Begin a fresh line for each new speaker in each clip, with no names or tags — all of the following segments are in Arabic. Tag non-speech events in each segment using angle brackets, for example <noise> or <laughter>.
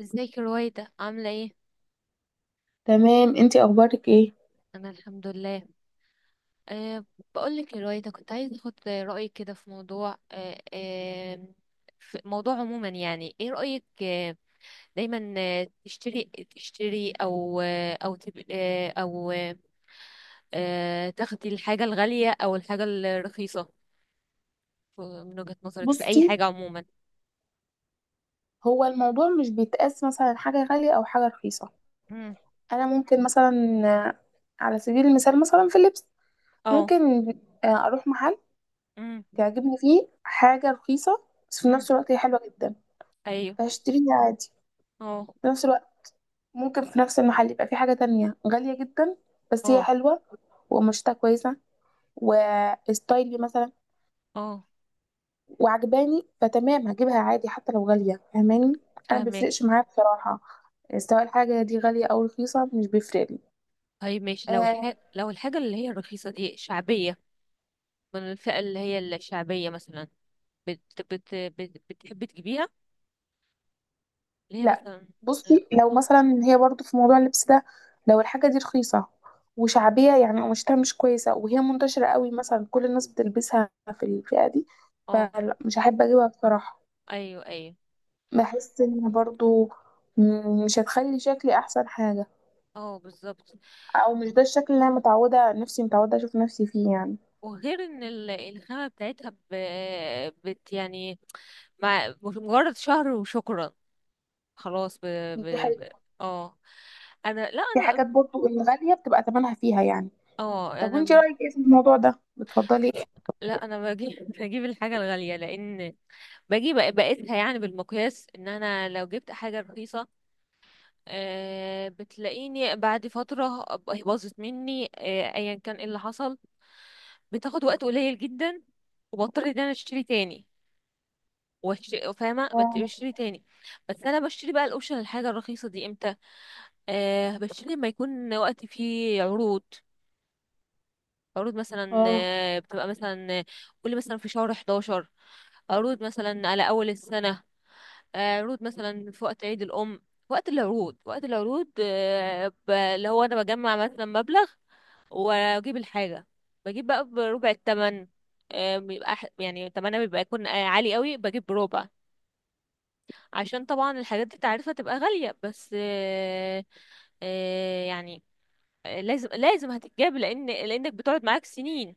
ازيك يا رويدة، عاملة ايه؟
تمام، انتي اخبارك ايه؟
أنا الحمد لله. أه. بقولك يا رويدة، كنت عايزة أخد رأيك كده في موضوع، أه أه في موضوع عموما. يعني ايه رأيك، دايما تشتري، أو، آه، تاخدي الحاجة الغالية أو الحاجة الرخيصة؟ من وجهة نظرك في أي
بصي،
حاجة عموما.
هو الموضوع مش بيتقاس مثلا حاجه غاليه او حاجه رخيصه.
مم.
انا ممكن مثلا، آه، على سبيل المثال مثلا في اللبس.
اه.
ممكن اروح محل
مم.
تعجبني فيه حاجه رخيصه، بس في
مم.
نفس الوقت هي حلوه جدا،
أيوه.
فهشتريها عادي.
اه،
في نفس الوقت ممكن في نفس المحل يبقى في حاجه تانية غاليه جدا، بس هي
اه،
حلوه وقماشتها كويسه وستايلي مثلا
اه،
وعجباني، فتمام هجيبها عادي حتى لو غالية. فاهماني؟ انا
فاهمك.
مبيفرقش معايا بصراحة، سواء الحاجة دي غالية او رخيصة مش بيفرق لي.
طيب ماشي، لو
آه،
لو الحاجة اللي هي الرخيصة دي شعبية، من الفئة اللي هي الشعبية مثلا، بتحب تجيبيها؟ اللي هي
لا،
مثلا، اه،
بصي، لو مثلا هي برضو في موضوع اللبس ده، لو الحاجة دي رخيصة وشعبية، يعني قماشتها مش كويسة وهي منتشرة قوي مثلا كل الناس بتلبسها في الفئة دي،
اه،
فلا، مش هحب اجيبها بصراحة.
ايوه، ايوه،
بحس ان برضو مش هتخلي شكلي احسن حاجة،
اه، بالظبط.
او مش ده الشكل اللي انا متعودة، نفسي متعودة اشوف نفسي فيه يعني.
وغير ان الخامة بتاعتها، ب... بت يعني، مع مش مجرد شهر وشكرا خلاص.
دي
ب...
حاجة.
ب... اه، انا، لا،
في
انا
حاجات برضو الغالية بتبقى ثمنها فيها يعني.
اه
طب وانت
انا
رأيك ايه في الموضوع ده؟ بتفضلي ايه؟
لا انا بجيب <laughs> بجيب الحاجه الغاليه، لان باجي بقيسها، يعني بالمقياس ان انا لو جبت حاجه رخيصه، بتلاقيني بعد فتره أبقى باظت مني، ايا كان ايه اللي حصل، بتاخد وقت قليل جدا، وبضطر ان انا اشتري تاني،
اه،
بشتري تاني. بس انا بشتري بقى الاوبشن الحاجه الرخيصه دي امتى؟ أه، بشتري لما يكون وقت فيه عروض. عروض مثلا،
اه،
بتبقى مثلا، قولي مثلا في شهر 11، عروض مثلا على أول السنة، عروض مثلا في وقت عيد الأم. وقت العروض، وقت العروض، اللي هو أنا بجمع مثلا مبلغ وأجيب الحاجة. بجيب بقى بربع التمن. بيبقى يعني تمنها بيبقى يكون، عالي قوي، بجيب بربع. عشان طبعا الحاجات دي تعرفها تبقى غالية بس، يعني، لازم هتتجاب، لأنك بتقعد معاك سنين،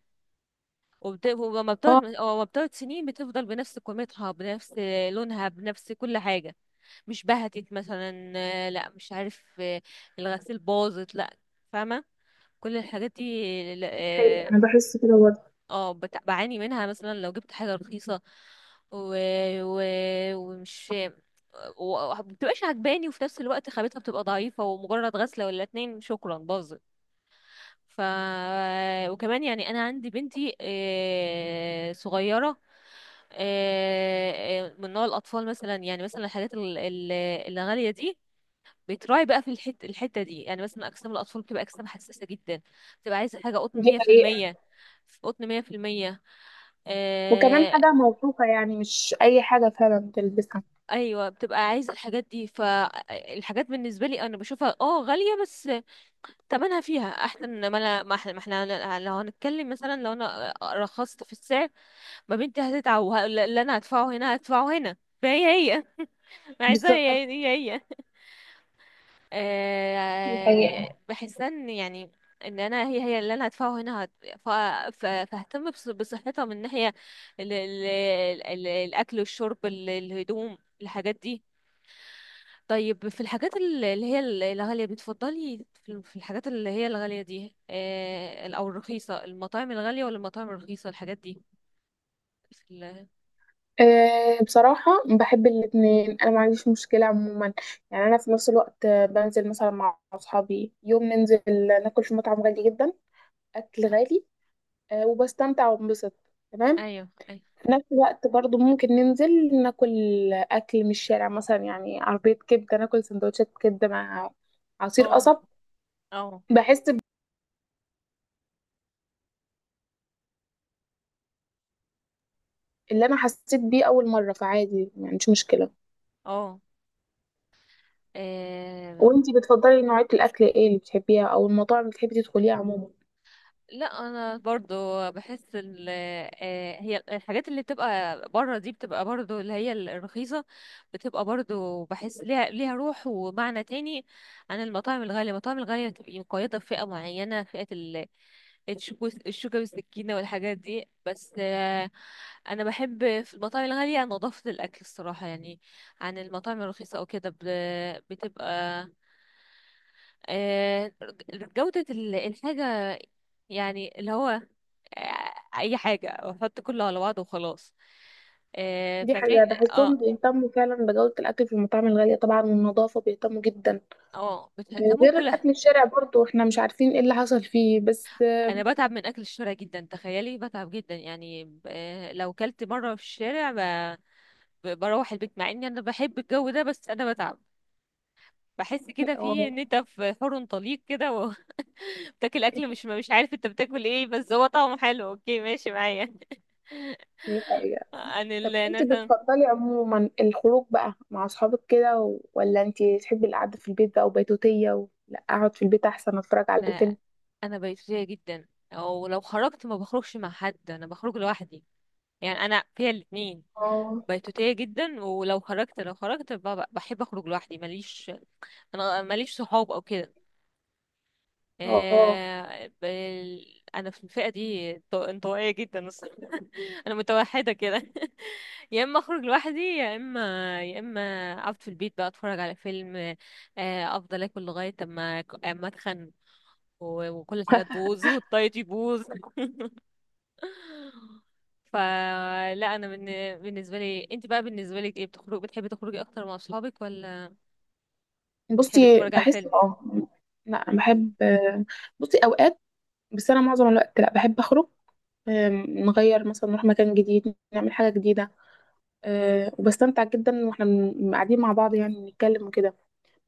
وبت... ولما بتقعد
اه.
ولما بتقعد سنين بتفضل بنفس قيمتها، بنفس لونها، بنفس كل حاجة. مش بهتت مثلا، لا، مش عارف، الغسيل باظت، لا، فاهمة، كل الحاجات دي
حقيقة
اه.
انا بحس كده برضه.
بعاني منها مثلا لو جبت حاجة رخيصة، و... و... ومش ومبتبقاش عجباني، وفي نفس الوقت خامتها بتبقى ضعيفة، ومجرد غسلة ولا اتنين شكرا باظت. ف، وكمان يعني انا عندي بنتي، صغيره، من نوع الاطفال، مثلا يعني مثلا الحاجات الغاليه دي بتراعي بقى في الحته دي. يعني مثلا اجسام الاطفال بتبقى اجسام حساسه جدا، بتبقى عايزه حاجه قطن
دي حقيقة.
100%، قطن 100%،
وكمان
آه،
حاجة موثوقة، يعني مش اي حاجة فعلا تلبسها.
ايوه بتبقى عايزه الحاجات دي. فالحاجات بالنسبه لي انا بشوفها اه غاليه، بس تمنها فيها، احسن ما انا، ما احنا، ما احنا لو هنتكلم مثلا، لو انا رخصت في السعر، ما بنتي هتتعب، اللي انا هدفعه هنا هدفعه هنا. فهي، هي <laughs> عايزاها،
بالظبط.
هي،
دي حقيقة.
بحس ان يعني ان انا، هي، هي اللي انا هدفعه هنا ف- فاهتم بصحتها، من ناحية ال- ال- الاكل والشرب، الهدوم، الحاجات دي. طيب في الحاجات اللي هي الغالية، بتفضلي في في الحاجات اللي هي الغالية دي، أو الرخيصة؟ المطاعم الغالية ولا المطاعم الرخيصة، الحاجات دي في
أه بصراحة، بحب الاتنين، أنا ما عنديش مشكلة عموما. يعني أنا في نفس الوقت بنزل مثلا مع أصحابي يوم، ننزل ناكل في مطعم غالي جدا، أكل غالي، أه، وبستمتع وبنبسط. تمام.
أيوه، أيوه،
في نفس الوقت برضو ممكن ننزل ناكل أكل من الشارع مثلا، يعني عربية كبدة، ناكل سندوتشات كبدة مع عصير
اه،
قصب.
اه،
بحس اللي أنا حسيت بيه أول مرة، فعادي يعني، مش مشكلة.
اه،
وانتي بتفضلي نوعية الأكل ايه اللي بتحبيها، أو المطاعم اللي بتحبي تدخليها عموما؟
لا انا برضو بحس ال، هي الحاجات اللي بتبقى بره دي، بتبقى برضو اللي هي الرخيصة، بتبقى برضو بحس ليها روح ومعنى تاني، عن المطاعم الغالية. المطاعم الغالية بتبقى مقيدة بفئة معينة، فئة ال، الشوكة بالسكينة والحاجات دي. بس، أنا بحب في المطاعم الغالية نظافة الأكل الصراحة، يعني عن المطاعم الرخيصة أو كده بتبقى، آه، جودة الحاجة، يعني اللي هو، آه، اي حاجه واحط كله على بعضه وخلاص.
دي حقيقة،
فعشان اه.
بحسهم بيهتموا فعلا بجودة الأكل في المطاعم الغالية طبعا، والنظافة بيهتموا جدا.
اه، بتهتموا
غير
بكلها.
الأكل الشارع برضو احنا مش عارفين ايه اللي حصل فيه بس.
انا بتعب من اكل الشارع جدا، تخيلي، بتعب جدا. يعني لو كلت مره في الشارع، بروح البيت، مع اني انا بحب الجو ده، بس انا بتعب. بحس كده
اه.
في ان انت في حر طليق كده وبتاكل <laughs> اكل، مش، مش عارف انت بتاكل ايه، بس هو طعمه حلو، اوكي، ماشي معايا.
دي حقيقة.
<laughs> عن
طب
ال
انتي
مثلا،
بتفضلي عموما الخروج بقى مع اصحابك كده، ولا انتي تحبي القعده في البيت بقى وبيتوتيه، لا اقعد في البيت احسن اتفرج على الفيلم؟
انا بيتوتية جدا، او لو خرجت ما بخرجش مع حد، انا بخرج لوحدي. يعني انا فيها الاتنين،
اه،
بيتوتية جدا، ولو خرجت، لو خرجت بحب اخرج لوحدي، ماليش، انا ماليش صحاب او كده.
اه.
انا في الفئة دي انطوائية جدا الصراحة. <laughs> انا متوحدة كده. <laughs> يا اما اخرج لوحدي، يا اما، يا اما اقعد في البيت بقى اتفرج على فيلم. افضل اكل لغاية اما، اما اتخن، وكل حاجة تبوظ والدايت يبوظ. فلا انا من، بالنسبه لي. انت بقى بالنسبه لك ايه، بتخرج، بتحبي تخرجي اكتر مع اصحابك، ولا بتحبي
بصي،
تتفرجي على
بحس،
الفيلم؟
اه، لا
مم.
بحب. بصي اوقات، بس انا معظم الوقت لا، بحب اخرج. نغير مثلا، نروح مكان جديد، نعمل حاجه جديده. وبستمتع جدا واحنا قاعدين مع بعض، يعني بنتكلم وكده.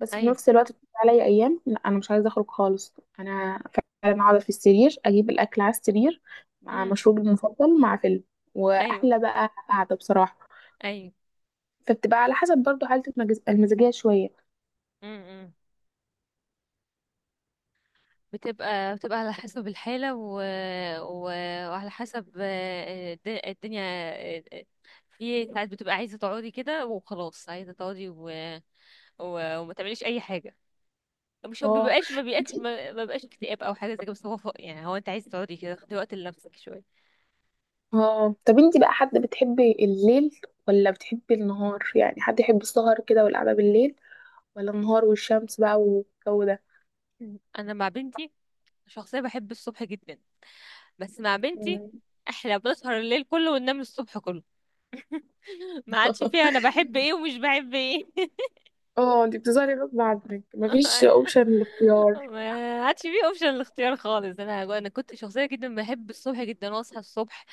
بس في
ايوه.
نفس الوقت بتيجي عليا ايام لا، انا مش عايزه اخرج خالص. انا فعلا اقعد في السرير، اجيب الاكل على السرير مع
امم.
مشروبي المفضل مع فيلم،
ايوه.
واحلى بقى قعده بصراحه.
ايوه.
فبتبقى على حسب برضو حالة المزاجية شوية.
امم. بتبقى على حسب الحاله، و... وعلى حسب، الدنيا، آه، آه، في ساعات بتبقى عايزه تقعدي كده وخلاص، عايزه تقعدي وما تعمليش اي حاجه. مش هو
اه.
بيبقاش، ما بيبقاش،
انتي.
ما بيبقاش اكتئاب او حاجه زي كده، بس هو يعني، هو انت عايزه تقعدي كده، تاخدي وقت لنفسك شويه.
اه طب انتي بقى حد بتحبي الليل ولا بتحبي النهار؟ يعني حد يحب السهر كده والقعدة بالليل، ولا النهار والشمس بقى والجو ده؟
انا مع بنتي، شخصيه بحب الصبح جدا، بس مع بنتي
مم.
احنا بنسهر الليل كله وننام الصبح كله. <laughs> ما عادش فيها انا
<laughs>
بحب ايه ومش بحب ايه.
اه، انتي بتظهري غصب عنك، مفيش
<laughs>
اوبشن الاختيار.
ما عادش فيه اوبشن الاختيار خالص، انا، انا كنت شخصيه جدا بحب الصبح جدا، واصحى الصبح،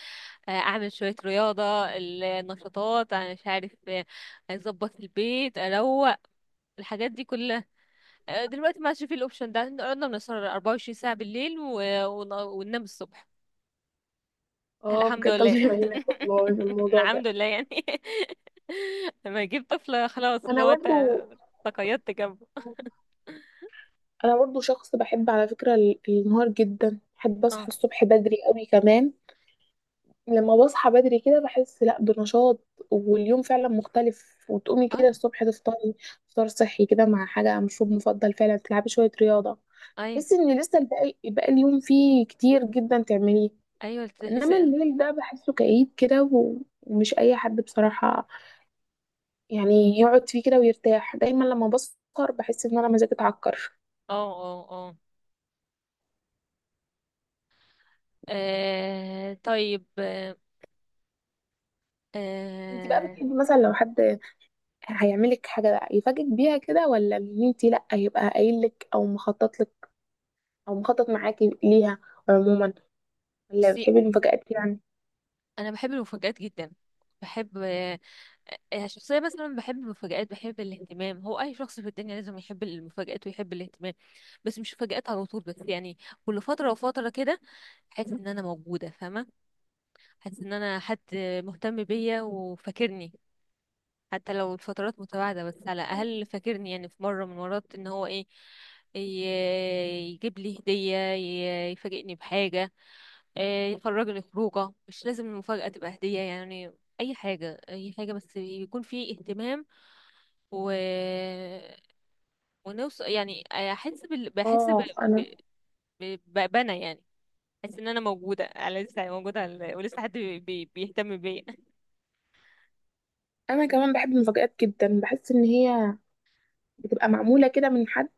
اعمل شويه رياضه، النشاطات، انا مش عارف، اظبط البيت، اروق، الحاجات دي كلها. دلوقتي ما عادش فيه الاوبشن ده، احنا قعدنا بنسهر 24 ساعه بالليل، وننام الصبح.
اه
الحمد
بجد، الله
لله.
يعينك والله،
<laughs>
الموضوع
الحمد
ده.
لله يعني. <laughs> لما يجيب طفل خلاص اللي
انا
هو انت
برضو
تقيدت جنبه.
انا برضو شخص بحب على فكرة النهار جدا، بحب اصحى
اه،
الصبح بدري قوي كمان. لما بصحى بدري كده بحس، لا، بنشاط، واليوم فعلا مختلف، وتقومي
اه،
كده الصبح تفطري فطار صحي كده، مع حاجة مشروب مفضل، فعلا تلعبي شوية رياضة، تحسي
ايوه،
ان لسه الباقي بقى اليوم فيه كتير جدا تعمليه.
ايوه، تحس
انما
اه،
الليل ده بحسه كئيب كده، ومش اي حد بصراحة يعني يقعد فيه كده ويرتاح. دايما لما بسهر بحس ان انا مزاجي اتعكر.
اه، اه، طيب،
انت بقى
آه،
بتحبي مثلا لو حد هيعملك حاجه بقى يفاجئك بيها كده، ولا ان انت لا يبقى قايل لك او مخطط لك او مخطط معاكي ليها عموما؟ ولا
بصي
بتحبي المفاجآت يعني؟
انا بحب المفاجآت جدا، بحب، شخصيا مثلا بحب المفاجآت، بحب الاهتمام. هو اي شخص في الدنيا لازم يحب المفاجآت ويحب الاهتمام، بس مش مفاجآت على طول. بس يعني كل فترة وفترة كده، احس ان انا موجودة، فاهمة، حاسس ان انا حد مهتم بيا وفاكرني، حتى لو الفترات متباعدة، بس على الاقل فاكرني، يعني في مرة من المرات ان هو ايه، ي- يجيب لي هدية، يفاجئني بحاجة، إيه، يخرجني خروجة. مش لازم المفاجأة تبقى هدية يعني، اي حاجة، اي حاجة، بس يكون في اهتمام، و، ونوصل، يعني احس بال... بحس ب...
اه.
ب...
انا
ب... بأنا يعني، احس ان انا موجودة، على لسه موجودة، ولسه حد بيهتم بيا.
انا كمان بحب المفاجآت جدا. بحس ان هي بتبقى معموله كده من حد،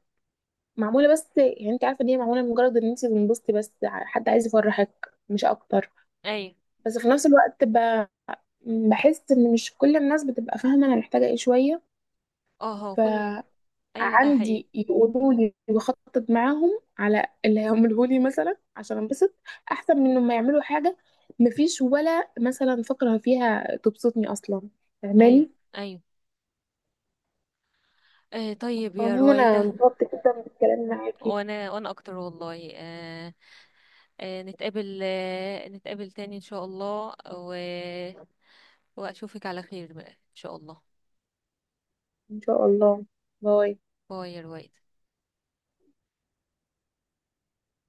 معموله بس، يعني انت عارفه ان هي معموله لمجرد ان انت تنبسطي بس، حد عايز يفرحك مش اكتر.
<laughs> ايوه.
بس في نفس الوقت بحس ان مش كل الناس بتبقى فاهمه انا محتاجه ايه شويه،
اه، هو كل، ايوه ده حقيقي.
فعندي يقولوا لي وخطط معاهم على اللي هيعمله لي مثلا عشان انبسط، احسن من ما يعملوا حاجه مفيش ولا مثلا فقره فيها تبسطني اصلا.
ايوه،
فاهماني؟
ايوه، طيب يا
عموما انا
رويدة.
انبسطت جدا بالكلام معاكي.
وانا، وانا اكتر والله، آه نتقابل، نتقابل تاني ان شاء الله، واشوفك على خير بقى ان شاء الله.
ان شاء الله. باي.
باي يا رويدة.